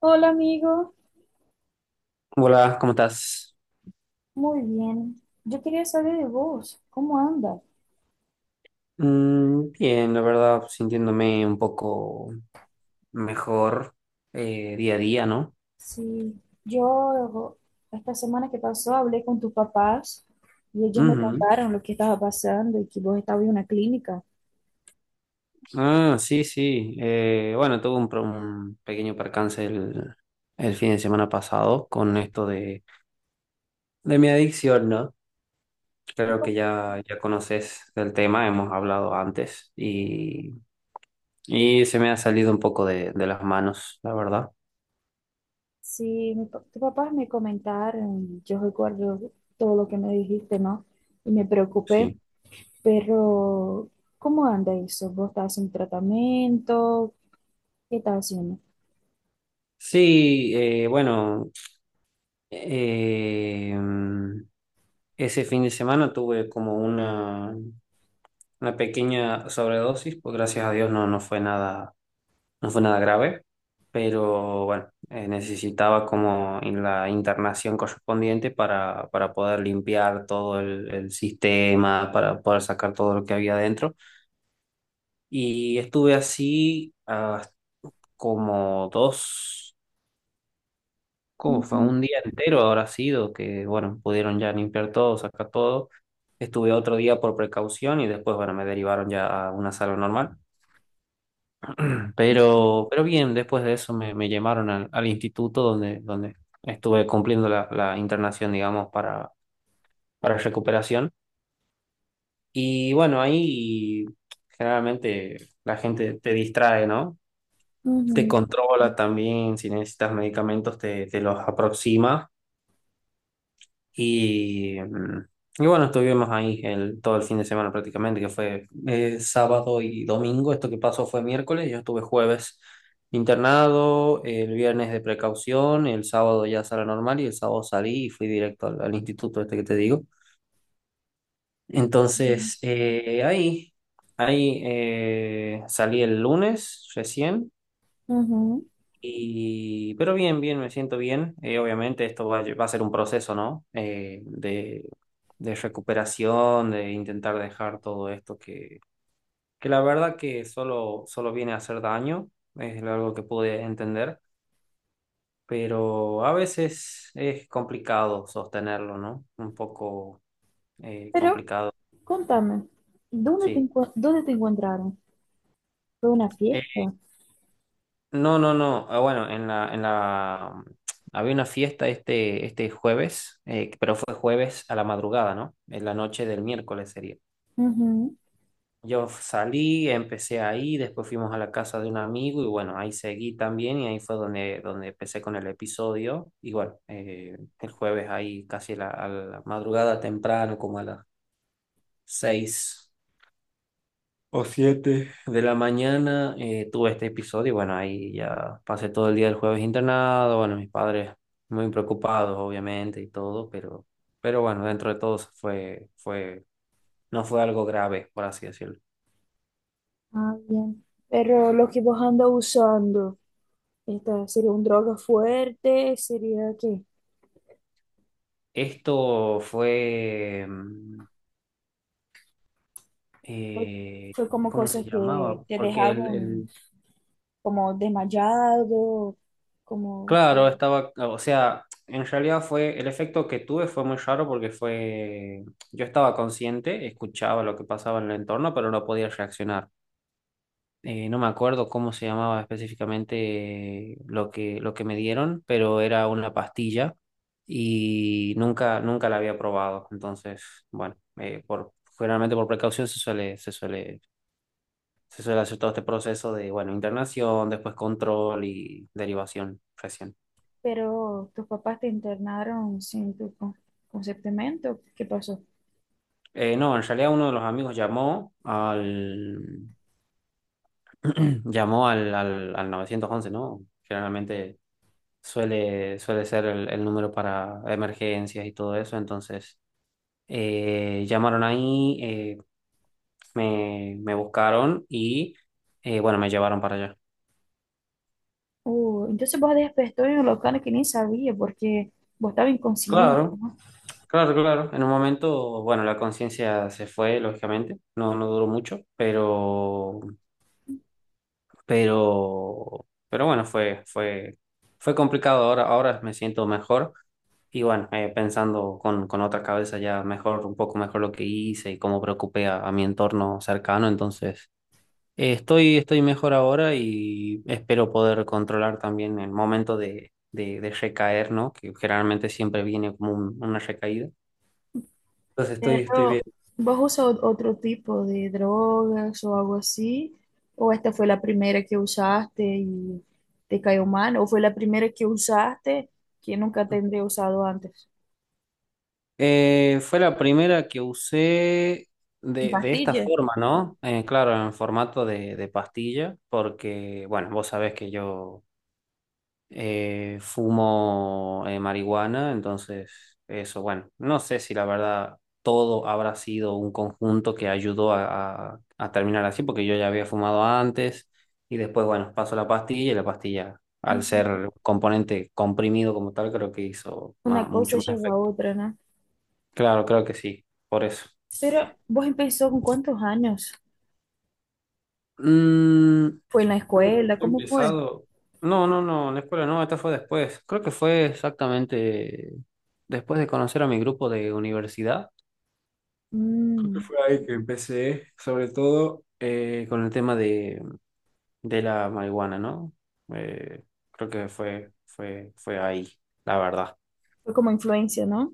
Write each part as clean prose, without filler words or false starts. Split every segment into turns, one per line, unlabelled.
Hola amigo,
Hola, ¿cómo estás?
muy bien. Yo quería saber de vos, ¿cómo andas?
Bien, la verdad, sintiéndome un poco mejor día a día, ¿no?
Sí, yo esta semana que pasó hablé con tus papás y ellos me
Ujú.
contaron lo que estaba pasando y que vos estabas en una clínica.
Ah, sí, sí. Bueno, tuve un pequeño percance el fin de semana pasado con esto de mi adicción, ¿no?
Tu
Creo
pa-
que ya conoces el tema, hemos hablado antes y se me ha salido un poco de las manos, la verdad.
Sí, mi pa- tus papás me comentaron, yo recuerdo todo lo que me dijiste, ¿no? Y me preocupé,
Sí.
pero ¿cómo anda eso? ¿Vos estás haciendo tratamiento? ¿Qué estás haciendo?
Sí, bueno. Eh, ese fin de semana tuve como una pequeña sobredosis, pues gracias a Dios no, no fue nada, no fue nada grave, pero bueno, necesitaba como en la internación correspondiente para poder limpiar todo el sistema, para poder sacar todo lo que había adentro. Y estuve así como dos. ¿Cómo fue?
Ujú,
Un día entero habrá sido que, bueno, pudieron ya limpiar todo, sacar todo. Estuve otro día por precaución y después, bueno, me derivaron ya a una sala normal. Pero bien, después de eso me llamaron al instituto donde estuve cumpliendo la internación, digamos, para recuperación. Y bueno, ahí generalmente la gente te distrae, ¿no? Te
ujú,
controla también, si necesitas medicamentos te los aproxima. Y, mm, y bueno, estuvimos ahí todo el fin de semana prácticamente, que fue sábado y domingo. Esto que pasó fue miércoles, yo estuve jueves internado, el viernes de precaución, el sábado ya sala normal y el sábado salí y fui directo al instituto este que te digo. Entonces, ahí salí el lunes recién
ujú.
pero bien, bien, me siento bien. Obviamente esto va a ser un proceso, ¿no? De recuperación, de intentar dejar todo esto que la verdad que solo viene a hacer daño, es algo que pude entender, pero a veces es complicado sostenerlo, ¿no? Un poco
Pero
complicado,
contame, ¿dónde te,
sí.
encu- dónde te encontraron? ¿Fue una fiesta?
No, no, no. Ah, bueno, en la había una fiesta este jueves, pero fue jueves a la madrugada, ¿no? En la noche del miércoles sería.
Ujú.
Yo salí, empecé ahí, después fuimos a la casa de un amigo y bueno, ahí seguí también y ahí fue donde empecé con el episodio. Y bueno, el jueves ahí casi a la madrugada temprano, como a las 6 o 7 de la mañana tuve este episodio y bueno, ahí ya pasé todo el día del jueves internado, bueno, mis padres muy preocupados obviamente y todo, pero, bueno, dentro de todo no fue algo grave, por así decirlo.
Ah, bien. Pero lo que vos andas usando, esta, ¿sería un droga fuerte? ¿Sería qué?
Esto fue,
¿Fue,
eh,
fue como
¿cómo
cosas
se
que
llamaba?
te
Porque
dejaban como desmayado? Como...
claro, estaba, o sea, en realidad fue, el efecto que tuve fue muy raro porque fue, yo estaba consciente, escuchaba lo que pasaba en el entorno, pero no podía reaccionar. No me acuerdo cómo se llamaba específicamente lo que me dieron, pero era una pastilla y nunca, nunca la había probado. Entonces, bueno, generalmente por precaución se suele hacer todo este proceso de, bueno, internación, después control y derivación recién.
Pero tus papás te internaron sin tu con- consentimiento. ¿Qué pasó?
No, en realidad uno de los amigos llamó al llamó al 911, ¿no? Generalmente suele ser el número para emergencias y todo eso. Entonces, llamaron ahí, me buscaron y bueno, me llevaron para allá.
Entonces vos despertó en un local que ni sabía porque vos estabas inconsciente,
Claro,
¿no?
claro, claro. En un momento, bueno, la conciencia se fue, lógicamente. No, no duró mucho, pero pero bueno, fue complicado. Ahora me siento mejor. Y bueno, pensando con otra cabeza ya mejor, un poco mejor lo que hice y cómo preocupé a mi entorno cercano. Entonces, estoy mejor ahora y espero poder controlar también el momento de recaer, ¿no? Que generalmente siempre viene como una recaída. Entonces, estoy bien.
Pero, ¿vos usas ot- otro tipo de drogas o algo así? ¿O esta fue la primera que usaste y te cayó mal? ¿O fue la primera que usaste que nunca tendré usado antes?
Fue la primera que usé
¿En
de esta
pastillas?
forma, ¿no? Claro, en formato de pastilla, porque, bueno, vos sabés que yo fumo marihuana, entonces eso, bueno, no sé si la verdad todo habrá sido un conjunto que ayudó a terminar así, porque yo ya había fumado antes y después, bueno, paso la pastilla y la pastilla, al
Mm.
ser componente comprimido como tal, creo que hizo
Una cosa
mucho más.
lleva a otra, ¿no?
Claro, creo que sí, por eso.
Pero, ¿vos empezó con cuántos años?
Mm,
¿Fue en la
bueno,
escuela?
he
¿Cómo fue?
empezado. No, no, no, en la escuela no, esta fue después. Creo que fue exactamente después de conocer a mi grupo de universidad.
Mm,
Fue ahí que empecé, sobre todo con el tema de la marihuana, ¿no? Eh, creo que fue ahí, la verdad.
fue como influencia, ¿no?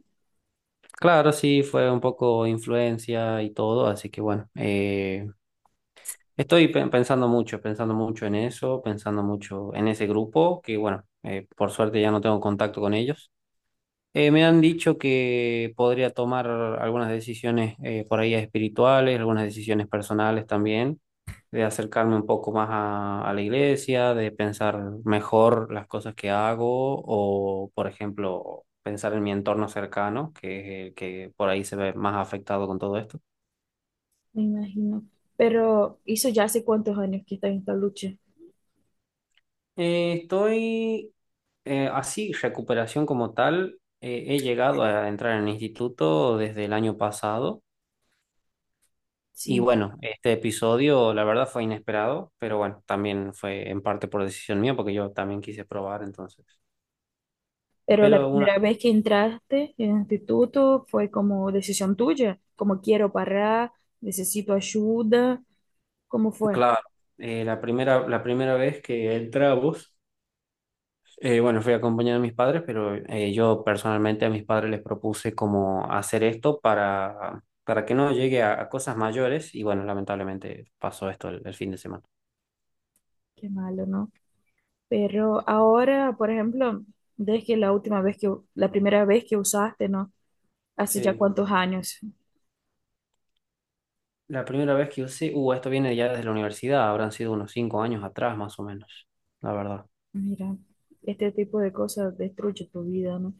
Claro, sí, fue un poco influencia y todo, así que bueno. Estoy pensando mucho en eso, pensando mucho en ese grupo, que bueno, por suerte ya no tengo contacto con ellos. Me han dicho que podría tomar algunas decisiones por ahí espirituales, algunas decisiones personales también, de acercarme un poco más a la iglesia, de pensar mejor las cosas que hago o, por ejemplo, pensar en mi entorno cercano, que es el que por ahí se ve más afectado con todo esto.
Me imagino. Pero, ¿hizo ya hace cuántos años que está en esta lucha?
Estoy así, recuperación como tal, he llegado a entrar en el instituto desde el año pasado y
Sí.
bueno, este episodio la verdad fue inesperado, pero bueno, también fue en parte por decisión mía porque yo también quise probar entonces.
Pero la
Pero una,
primera vez que entraste en el instituto fue como decisión tuya, como quiero parar, necesito ayuda, ¿cómo fue?
claro, la primera vez que entramos, bueno, fui acompañado de mis padres, pero yo personalmente a mis padres les propuse como hacer esto para que no llegue a cosas mayores y bueno, lamentablemente pasó esto el fin de semana.
Qué malo, ¿no? Pero ahora, por ejemplo, desde la última vez que, la primera vez que usaste, ¿no? Hace ya
Sí,
cuántos años.
la primera vez que usé, esto viene ya desde la universidad, habrán sido unos 5 años atrás más o menos, la verdad.
Mira, este tipo de cosas destruye tu vida, ¿no?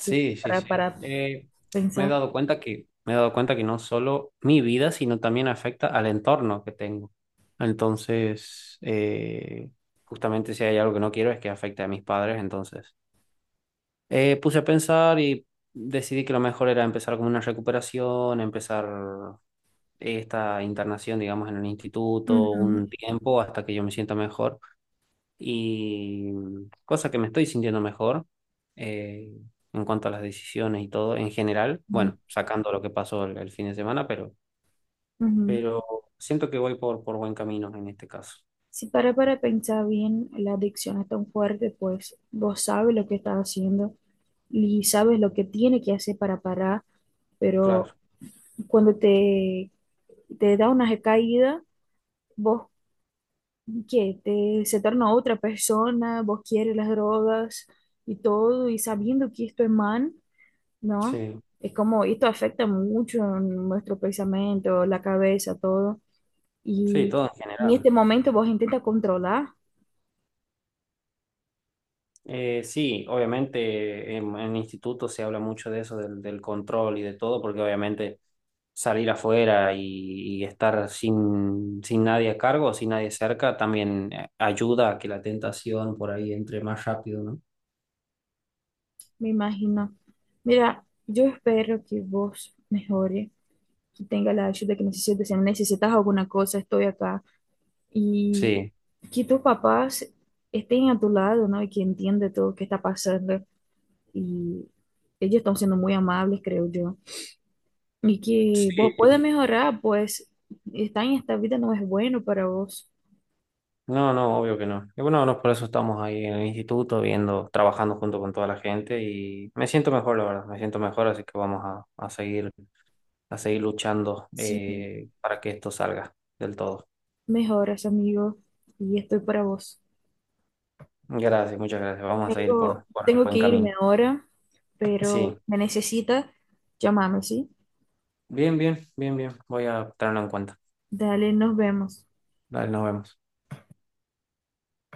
Sí,
sí, sí.
para pensar.
Me he dado cuenta que no solo mi vida, sino también afecta al entorno que tengo. Entonces, justamente si hay algo que no quiero es que afecte a mis padres, entonces. Puse a pensar y decidí que lo mejor era empezar como una recuperación, empezar esta internación, digamos, en un instituto,
Ujú,
un tiempo hasta que yo me sienta mejor. Y cosa que me estoy sintiendo mejor eh, en cuanto a las decisiones y todo en general,
ujú,
bueno, sacando lo que pasó el fin de semana,
ujú.
pero siento que voy por buen camino en este caso.
Si para para pensar bien, la adicción es tan fuerte, pues vos sabes lo que estás haciendo y sabes lo que tiene que hacer para parar, pero
Claro,
cuando te da una recaída, vos, ¿qué? Te, se torna otra persona, vos quieres las drogas y todo, y sabiendo que esto es mal, ¿no?
sí,
Es como, esto afecta mucho nuestro pensamiento, la cabeza, todo,
sí,
y
todo en
en
general.
este momento vos intentas controlar
Sí, obviamente en instituto se habla mucho de eso, del control y de todo, porque obviamente salir afuera y estar sin nadie a cargo, sin nadie cerca, también ayuda a que la tentación por ahí entre más rápido, ¿no?
me imagino. Mira, yo espero que vos mejore, que tenga la ayuda que necesites. Si necesitas alguna cosa, estoy acá. Y
Sí,
que tus papás estén a tu lado, ¿no? Y que entiendan todo lo que está pasando. Y ellos están siendo muy amables, creo yo. Y que vos puedas
sí.
mejorar, pues estar en esta vida no es bueno para vos.
No, no, obvio que no. Y bueno, no, por eso estamos ahí en el instituto, viendo, trabajando junto con toda la gente y me siento mejor, la verdad, me siento mejor, así que vamos a seguir luchando
Sí,
para que esto salga del todo.
mejoras, amigo. Y estoy para vos.
Gracias, muchas gracias. Vamos a seguir
Tengo,
por el
tengo
buen
que
camino.
irme ahora, pero
Sí,
me necesita, llámame, ¿sí?
bien, bien, bien, bien. Voy a tenerlo en cuenta.
Dale, nos vemos.
Dale, nos vemos.